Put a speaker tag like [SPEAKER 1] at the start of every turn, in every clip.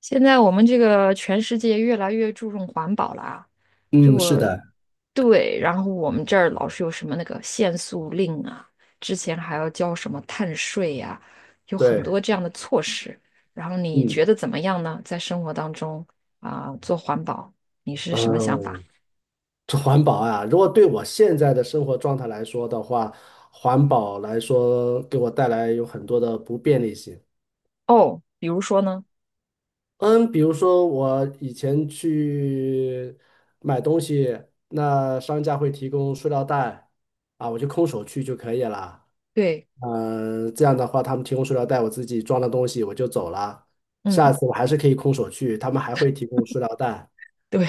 [SPEAKER 1] 现在我们这个全世界越来越注重环保了啊，这
[SPEAKER 2] 嗯，是
[SPEAKER 1] 我
[SPEAKER 2] 的，
[SPEAKER 1] 对，然后我们这儿老是有什么那个限速令啊，之前还要交什么碳税呀、有很
[SPEAKER 2] 对，
[SPEAKER 1] 多这样的措施。然后你
[SPEAKER 2] 嗯
[SPEAKER 1] 觉得怎么样呢？在生活当中啊、做环保，你是
[SPEAKER 2] 嗯，
[SPEAKER 1] 什么想法？
[SPEAKER 2] 这环保啊，如果对我现在的生活状态来说的话，环保来说给我带来有很多的不便利性。
[SPEAKER 1] 哦，比如说呢？
[SPEAKER 2] 嗯，比如说我以前去买东西，那商家会提供塑料袋，啊，我就空手去就可以了。
[SPEAKER 1] 对，
[SPEAKER 2] 嗯，这样的话，他们提供塑料袋，我自己装了东西我就走了。下
[SPEAKER 1] 嗯，
[SPEAKER 2] 次我还是可以空手去，他们还会提供塑料袋。
[SPEAKER 1] 对，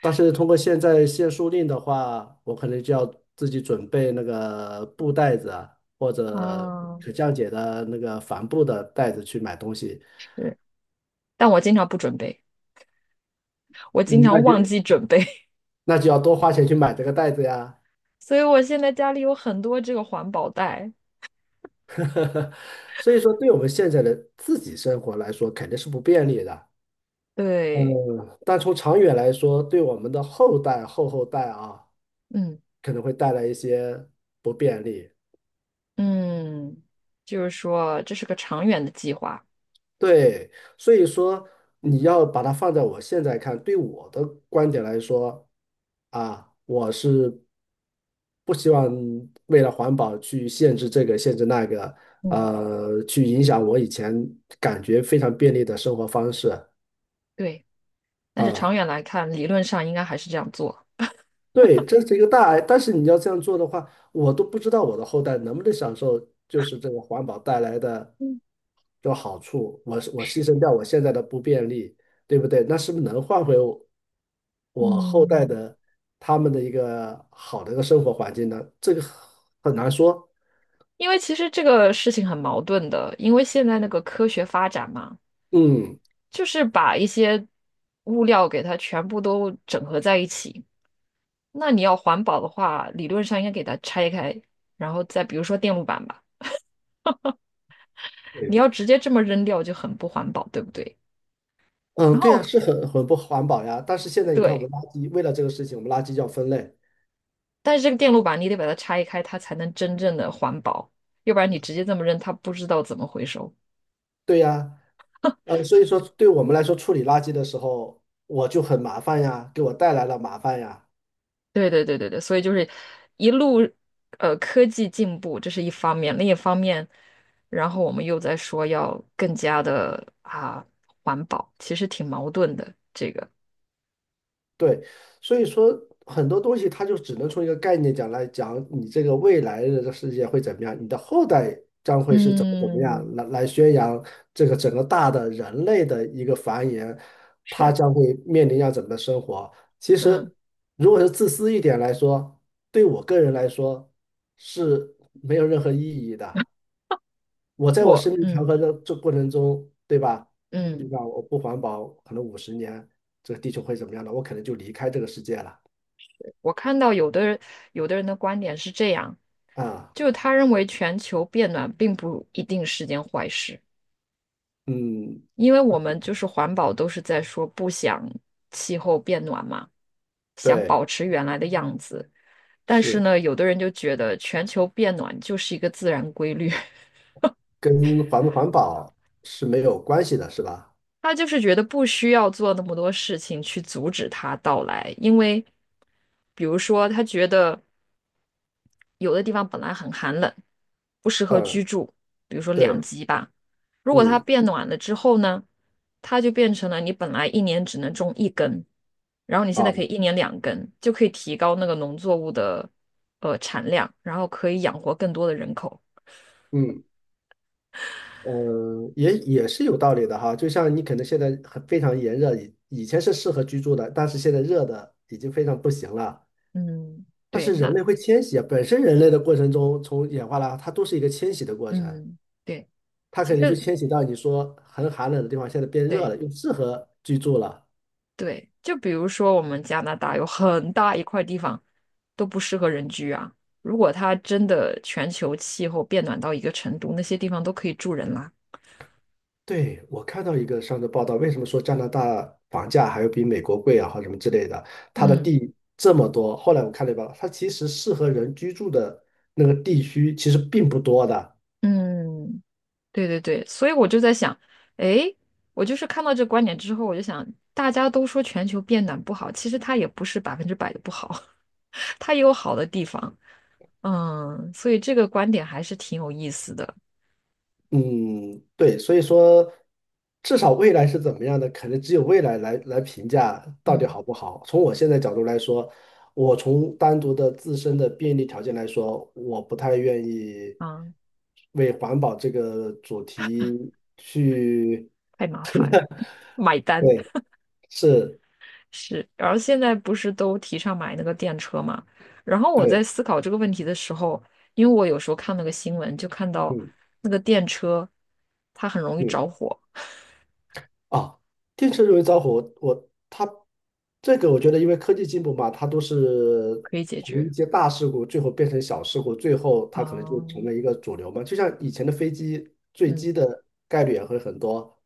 [SPEAKER 2] 但是通过现在限塑令的话，我可能就要自己准备那个布袋子啊，或者
[SPEAKER 1] 啊，
[SPEAKER 2] 可降解的那个帆布的袋子去买东西，
[SPEAKER 1] 对。但我经常不准备，我经
[SPEAKER 2] 嗯
[SPEAKER 1] 常
[SPEAKER 2] 那就
[SPEAKER 1] 忘记准备，
[SPEAKER 2] 那就要多花钱去买这个袋子呀。
[SPEAKER 1] 所以我现在家里有很多这个环保袋。
[SPEAKER 2] 所以说，对我们现在的自己生活来说，肯定是不便利的。
[SPEAKER 1] 对，
[SPEAKER 2] 嗯，但从长远来说，对我们的后代、后代啊，
[SPEAKER 1] 嗯
[SPEAKER 2] 可能会带来一些不便利。
[SPEAKER 1] 嗯，就是说这是个长远的计划，
[SPEAKER 2] 对，所以说你要把它放在我现在看，对我的观点来说，啊，我是不希望为了环保去限制这个限制那个，
[SPEAKER 1] 嗯
[SPEAKER 2] 去影响我以前感觉非常便利的生活方式
[SPEAKER 1] 对。但是
[SPEAKER 2] 啊。
[SPEAKER 1] 长远来看，理论上应该还是这样做，
[SPEAKER 2] 对，这是一个大爱，但是你要这样做的话，我都不知道我的后代能不能享受，就是这个环保带来的
[SPEAKER 1] 嗯
[SPEAKER 2] 这个好处。我牺牲掉我现在的不便利，对不对？那是不是能换回我，我后代
[SPEAKER 1] 嗯
[SPEAKER 2] 的他们的一个好的一个生活环境呢？这个很难说。
[SPEAKER 1] 因为其实这个事情很矛盾的，因为现在那个科学发展嘛，
[SPEAKER 2] 嗯，
[SPEAKER 1] 就是把一些物料给它全部都整合在一起。那你要环保的话，理论上应该给它拆开，然后再比如说电路板吧，你
[SPEAKER 2] 对，
[SPEAKER 1] 要直接这么扔掉就很不环保，对不对？
[SPEAKER 2] 嗯，
[SPEAKER 1] 然
[SPEAKER 2] 对呀，
[SPEAKER 1] 后。
[SPEAKER 2] 是很不环保呀。但是现在你看，我
[SPEAKER 1] 对。
[SPEAKER 2] 们垃圾为了这个事情，我们垃圾就要分类。
[SPEAKER 1] 但是这个电路板你得把它拆开，它才能真正的环保，要不然你直接这么扔，它不知道怎么回收。
[SPEAKER 2] 对呀，所以说对我们来说，处理垃圾的时候我就很麻烦呀，给我带来了麻烦呀。
[SPEAKER 1] 对对对对对，所以就是一路科技进步，这是一方面，另一方面，然后我们又在说要更加的啊环保，其实挺矛盾的。
[SPEAKER 2] 对，所以说很多东西它就只能从一个概念讲来讲，你这个未来的这个世界会怎么样，你的后代将会是怎么怎么样，
[SPEAKER 1] 嗯，
[SPEAKER 2] 来宣扬这个整个大的人类的一个繁衍，他
[SPEAKER 1] 是，
[SPEAKER 2] 将会面临要怎么的生活。其
[SPEAKER 1] 嗯，
[SPEAKER 2] 实，如果是自私一点来说，对我个人来说是没有任何意义的。我在我
[SPEAKER 1] 我
[SPEAKER 2] 生命长
[SPEAKER 1] 嗯
[SPEAKER 2] 河的这过程中，对吧？就
[SPEAKER 1] 嗯，
[SPEAKER 2] 像我不环保，可能50年，这个地球会怎么样呢？我可能就离开这个世界了
[SPEAKER 1] 我看到有的人有的人的观点是这样，
[SPEAKER 2] 啊。
[SPEAKER 1] 就是他认为全球变暖并不一定是件坏事。
[SPEAKER 2] 嗯，
[SPEAKER 1] 因为我们就是环保都是在说不想气候变暖嘛，想
[SPEAKER 2] 对，
[SPEAKER 1] 保持原来的样子。但是
[SPEAKER 2] 是
[SPEAKER 1] 呢，有的人就觉得全球变暖就是一个自然规律，
[SPEAKER 2] 跟环不环保是没有关系的，是吧？
[SPEAKER 1] 他就是觉得不需要做那么多事情去阻止它到来，因为比如说他觉得。有的地方本来很寒冷，不适合居
[SPEAKER 2] 嗯，
[SPEAKER 1] 住，比如说两
[SPEAKER 2] 对，
[SPEAKER 1] 极吧。如果它
[SPEAKER 2] 嗯，
[SPEAKER 1] 变暖了之后呢，它就变成了你本来一年只能种一根，然后你现
[SPEAKER 2] 啊，
[SPEAKER 1] 在可以一年两根，就可以提高那个农作物的产量，然后可以养活更多的人口。
[SPEAKER 2] 嗯，也是有道理的哈。就像你可能现在很非常炎热，以前是适合居住的，但是现在热的已经非常不行了。
[SPEAKER 1] 嗯，
[SPEAKER 2] 它
[SPEAKER 1] 对，
[SPEAKER 2] 是人
[SPEAKER 1] 那
[SPEAKER 2] 类会迁徙啊，本身人类的过程中，从演化来，它都是一个迁徙的过程。
[SPEAKER 1] 嗯，对，
[SPEAKER 2] 它
[SPEAKER 1] 其
[SPEAKER 2] 肯定就
[SPEAKER 1] 实
[SPEAKER 2] 迁徙到你说很寒冷的地方，现在变热
[SPEAKER 1] 对。
[SPEAKER 2] 了，又适合居住了。
[SPEAKER 1] 对，就比如说我们加拿大有很大一块地方都不适合人居啊。如果它真的全球气候变暖到一个程度，那些地方都可以住人啦。
[SPEAKER 2] 对，我看到一个上的报道，为什么说加拿大房价还有比美国贵啊，或者什么之类的？它的
[SPEAKER 1] 嗯
[SPEAKER 2] 地这么多，后来我看了一报道，它其实适合人居住的那个地区其实并不多的。
[SPEAKER 1] 嗯，对对对，所以我就在想，诶，我就是看到这观点之后，我就想，大家都说全球变暖不好，其实它也不是百分之百的不好，它也有好的地方。嗯，所以这个观点还是挺有意思的。
[SPEAKER 2] 嗯，对，所以说，至少未来是怎么样的，可能只有未来来评价到底
[SPEAKER 1] 嗯
[SPEAKER 2] 好不好。从我现在角度来说，我从单独的自身的便利条件来说，我不太愿意
[SPEAKER 1] 啊，
[SPEAKER 2] 为环保这个主题去，
[SPEAKER 1] 太麻烦，买单。
[SPEAKER 2] 对，是，
[SPEAKER 1] 是，然后现在不是都提倡买那个电车嘛？然后我在
[SPEAKER 2] 对，
[SPEAKER 1] 思考这个问题的时候，因为我有时候看那个新闻，就看到
[SPEAKER 2] 嗯
[SPEAKER 1] 那个电车，它很容易
[SPEAKER 2] 嗯。
[SPEAKER 1] 着火，
[SPEAKER 2] 啊，电车容易着火，我他它这个我觉得，因为科技进步嘛，它都是
[SPEAKER 1] 可以解
[SPEAKER 2] 从
[SPEAKER 1] 决。
[SPEAKER 2] 一些大事故最后变成小事故，最后它可能就成
[SPEAKER 1] 啊，
[SPEAKER 2] 为一个主流嘛。就像以前的飞机坠机
[SPEAKER 1] 嗯
[SPEAKER 2] 的概率也会很多，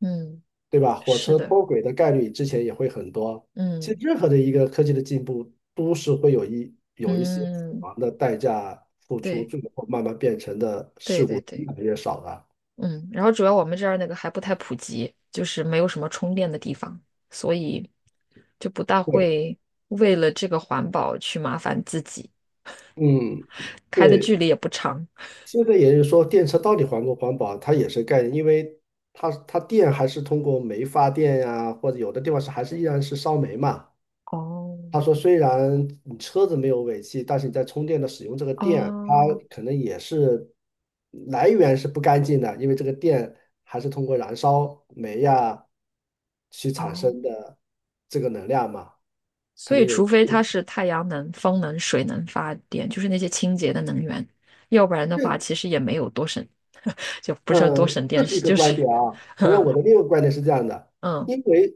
[SPEAKER 1] 嗯，
[SPEAKER 2] 对吧？火
[SPEAKER 1] 是
[SPEAKER 2] 车
[SPEAKER 1] 的，
[SPEAKER 2] 脱轨的概率之前也会很多。其实
[SPEAKER 1] 嗯
[SPEAKER 2] 任何的一个科技的进步，都是会有一些死
[SPEAKER 1] 嗯，
[SPEAKER 2] 亡的代价付出，
[SPEAKER 1] 对
[SPEAKER 2] 最后慢慢变成的
[SPEAKER 1] 对
[SPEAKER 2] 事
[SPEAKER 1] 对
[SPEAKER 2] 故越
[SPEAKER 1] 对，
[SPEAKER 2] 来越少了。
[SPEAKER 1] 嗯。然后主要我们这儿那个还不太普及，就是没有什么充电的地方，所以就不大
[SPEAKER 2] 对，
[SPEAKER 1] 会为了这个环保去麻烦自己，
[SPEAKER 2] 嗯，
[SPEAKER 1] 开的距
[SPEAKER 2] 对，
[SPEAKER 1] 离也不长。
[SPEAKER 2] 现在也就是说，电车到底环不环保，它也是概念，因为它电还是通过煤发电呀、或者有的地方是还是依然是烧煤嘛。他说，
[SPEAKER 1] 哦
[SPEAKER 2] 虽然你车子没有尾气，但是你在充电的使用这个电，它
[SPEAKER 1] 哦
[SPEAKER 2] 可能也是来源是不干净的，因为这个电还是通过燃烧煤呀去产
[SPEAKER 1] 哦，
[SPEAKER 2] 生的这个能量嘛，可
[SPEAKER 1] 所
[SPEAKER 2] 能
[SPEAKER 1] 以
[SPEAKER 2] 有。
[SPEAKER 1] 除非它是太阳能、风能、水能发电，就是那些清洁的能源，要不然的话，其实也没有多省，就不是多
[SPEAKER 2] 嗯，
[SPEAKER 1] 省电，
[SPEAKER 2] 这是一
[SPEAKER 1] 是
[SPEAKER 2] 个
[SPEAKER 1] 就是
[SPEAKER 2] 观点啊。同样，
[SPEAKER 1] 嗯
[SPEAKER 2] 我的另一个观点是这样的：
[SPEAKER 1] 嗯
[SPEAKER 2] 因为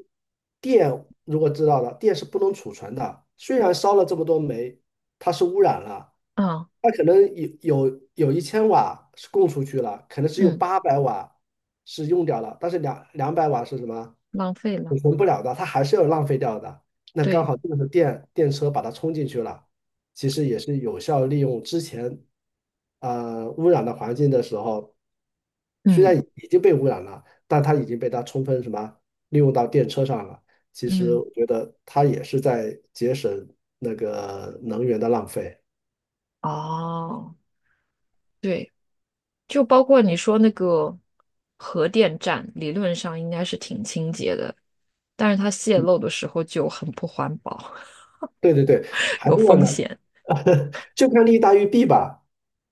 [SPEAKER 2] 电如果知道了，电是不能储存的。虽然烧了这么多煤，它是污染了，
[SPEAKER 1] 嗯
[SPEAKER 2] 它可能有有1000瓦是供出去了，可能只有
[SPEAKER 1] 嗯，
[SPEAKER 2] 800瓦是用掉了，但是两百瓦是什么？
[SPEAKER 1] 浪费了，
[SPEAKER 2] 补存不了的，它还是要浪费掉的。那刚
[SPEAKER 1] 对，
[SPEAKER 2] 好这个时候电车把它冲进去了，其实也是有效利用之前污染的环境的时候，虽
[SPEAKER 1] 嗯
[SPEAKER 2] 然已经被污染了，但它已经被它充分什么利用到电车上了。其实
[SPEAKER 1] 嗯，
[SPEAKER 2] 我觉得它也是在节省那个能源的浪费。
[SPEAKER 1] 哦，对，就包括你说那个核电站，理论上应该是挺清洁的，但是它泄漏的时候就很不环保，
[SPEAKER 2] 对对对，还
[SPEAKER 1] 有
[SPEAKER 2] 是要
[SPEAKER 1] 风
[SPEAKER 2] 呢，
[SPEAKER 1] 险。
[SPEAKER 2] 就看利大于弊吧。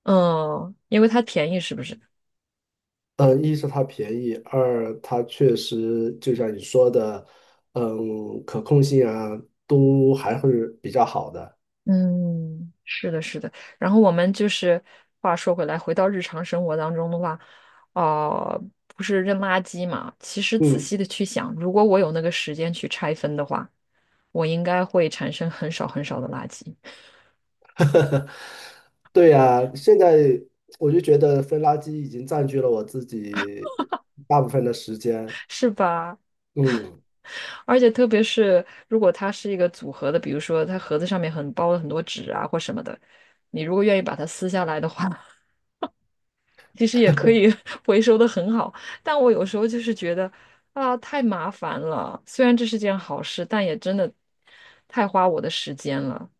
[SPEAKER 1] 嗯，因为它便宜，是不是？
[SPEAKER 2] 嗯，一是它便宜，二它确实就像你说的，嗯，可控性啊都还是比较好的。
[SPEAKER 1] 嗯，是的，是的。然后我们就是话说回来，回到日常生活当中的话，哦、不是扔垃圾嘛？其实仔
[SPEAKER 2] 嗯，
[SPEAKER 1] 细的去想，如果我有那个时间去拆分的话，我应该会产生很少很少的垃圾，
[SPEAKER 2] 对呀，现在我就觉得分垃圾已经占据了我自己大部分的时间。
[SPEAKER 1] 是吧？
[SPEAKER 2] 嗯，
[SPEAKER 1] 而且特别是如果它是一个组合的，比如说它盒子上面很包了很多纸啊或什么的，你如果愿意把它撕下来的话，其实也可以 回收的很好，但我有时候就是觉得啊，太麻烦了。虽然这是件好事，但也真的太花我的时间了。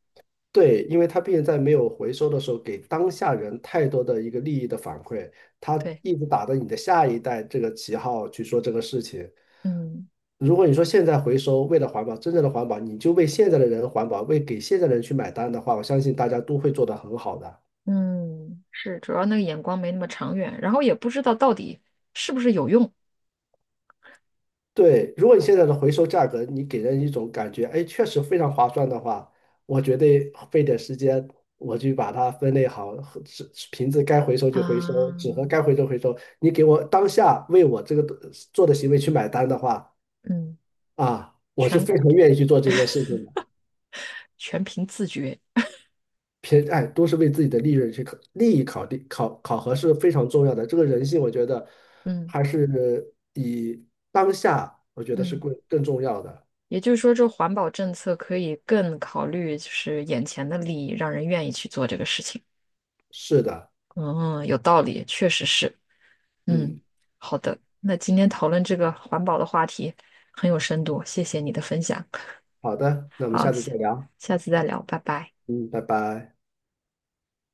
[SPEAKER 2] 对，因为它毕竟在没有回收的时候，给当下人太多的一个利益的反馈，它
[SPEAKER 1] 对，
[SPEAKER 2] 一直打着你的下一代这个旗号去说这个事情。
[SPEAKER 1] 嗯
[SPEAKER 2] 如果你说现在回收，为了环保，真正的环保，你就为现在的人环保，为给现在的人去买单的话，我相信大家都会做得很好的。
[SPEAKER 1] 嗯，是，主要那个眼光没那么长远，然后也不知道到底是不是有用
[SPEAKER 2] 对，如果你现在的回收价格，你给人一种感觉，哎，确实非常划算的话，我绝对费点时间，我去把它分类好，纸瓶子该回收就回收，纸盒该
[SPEAKER 1] 啊。
[SPEAKER 2] 回收回收。你给我当下为我这个做的行为去买单的话，
[SPEAKER 1] 嗯，
[SPEAKER 2] 啊，我就
[SPEAKER 1] 全
[SPEAKER 2] 非常愿意去做这件事情的。
[SPEAKER 1] 绝，
[SPEAKER 2] 偏，哎，都是为自己的利润去考，利益考虑考核是非常重要的。这个人性，我觉得
[SPEAKER 1] 嗯
[SPEAKER 2] 还是以当下，我觉得是
[SPEAKER 1] 嗯，
[SPEAKER 2] 更重要的。
[SPEAKER 1] 也就是说，这环保政策可以更考虑就是眼前的利益，让人愿意去做这个事情。
[SPEAKER 2] 是的，
[SPEAKER 1] 嗯，有道理，确实是。嗯，
[SPEAKER 2] 嗯。
[SPEAKER 1] 好的，那今天讨论这个环保的话题很有深度，谢谢你的分享。
[SPEAKER 2] 好的，那我们
[SPEAKER 1] 好，
[SPEAKER 2] 下次
[SPEAKER 1] 下
[SPEAKER 2] 再聊。
[SPEAKER 1] 下次再聊，拜拜。
[SPEAKER 2] 嗯，拜拜。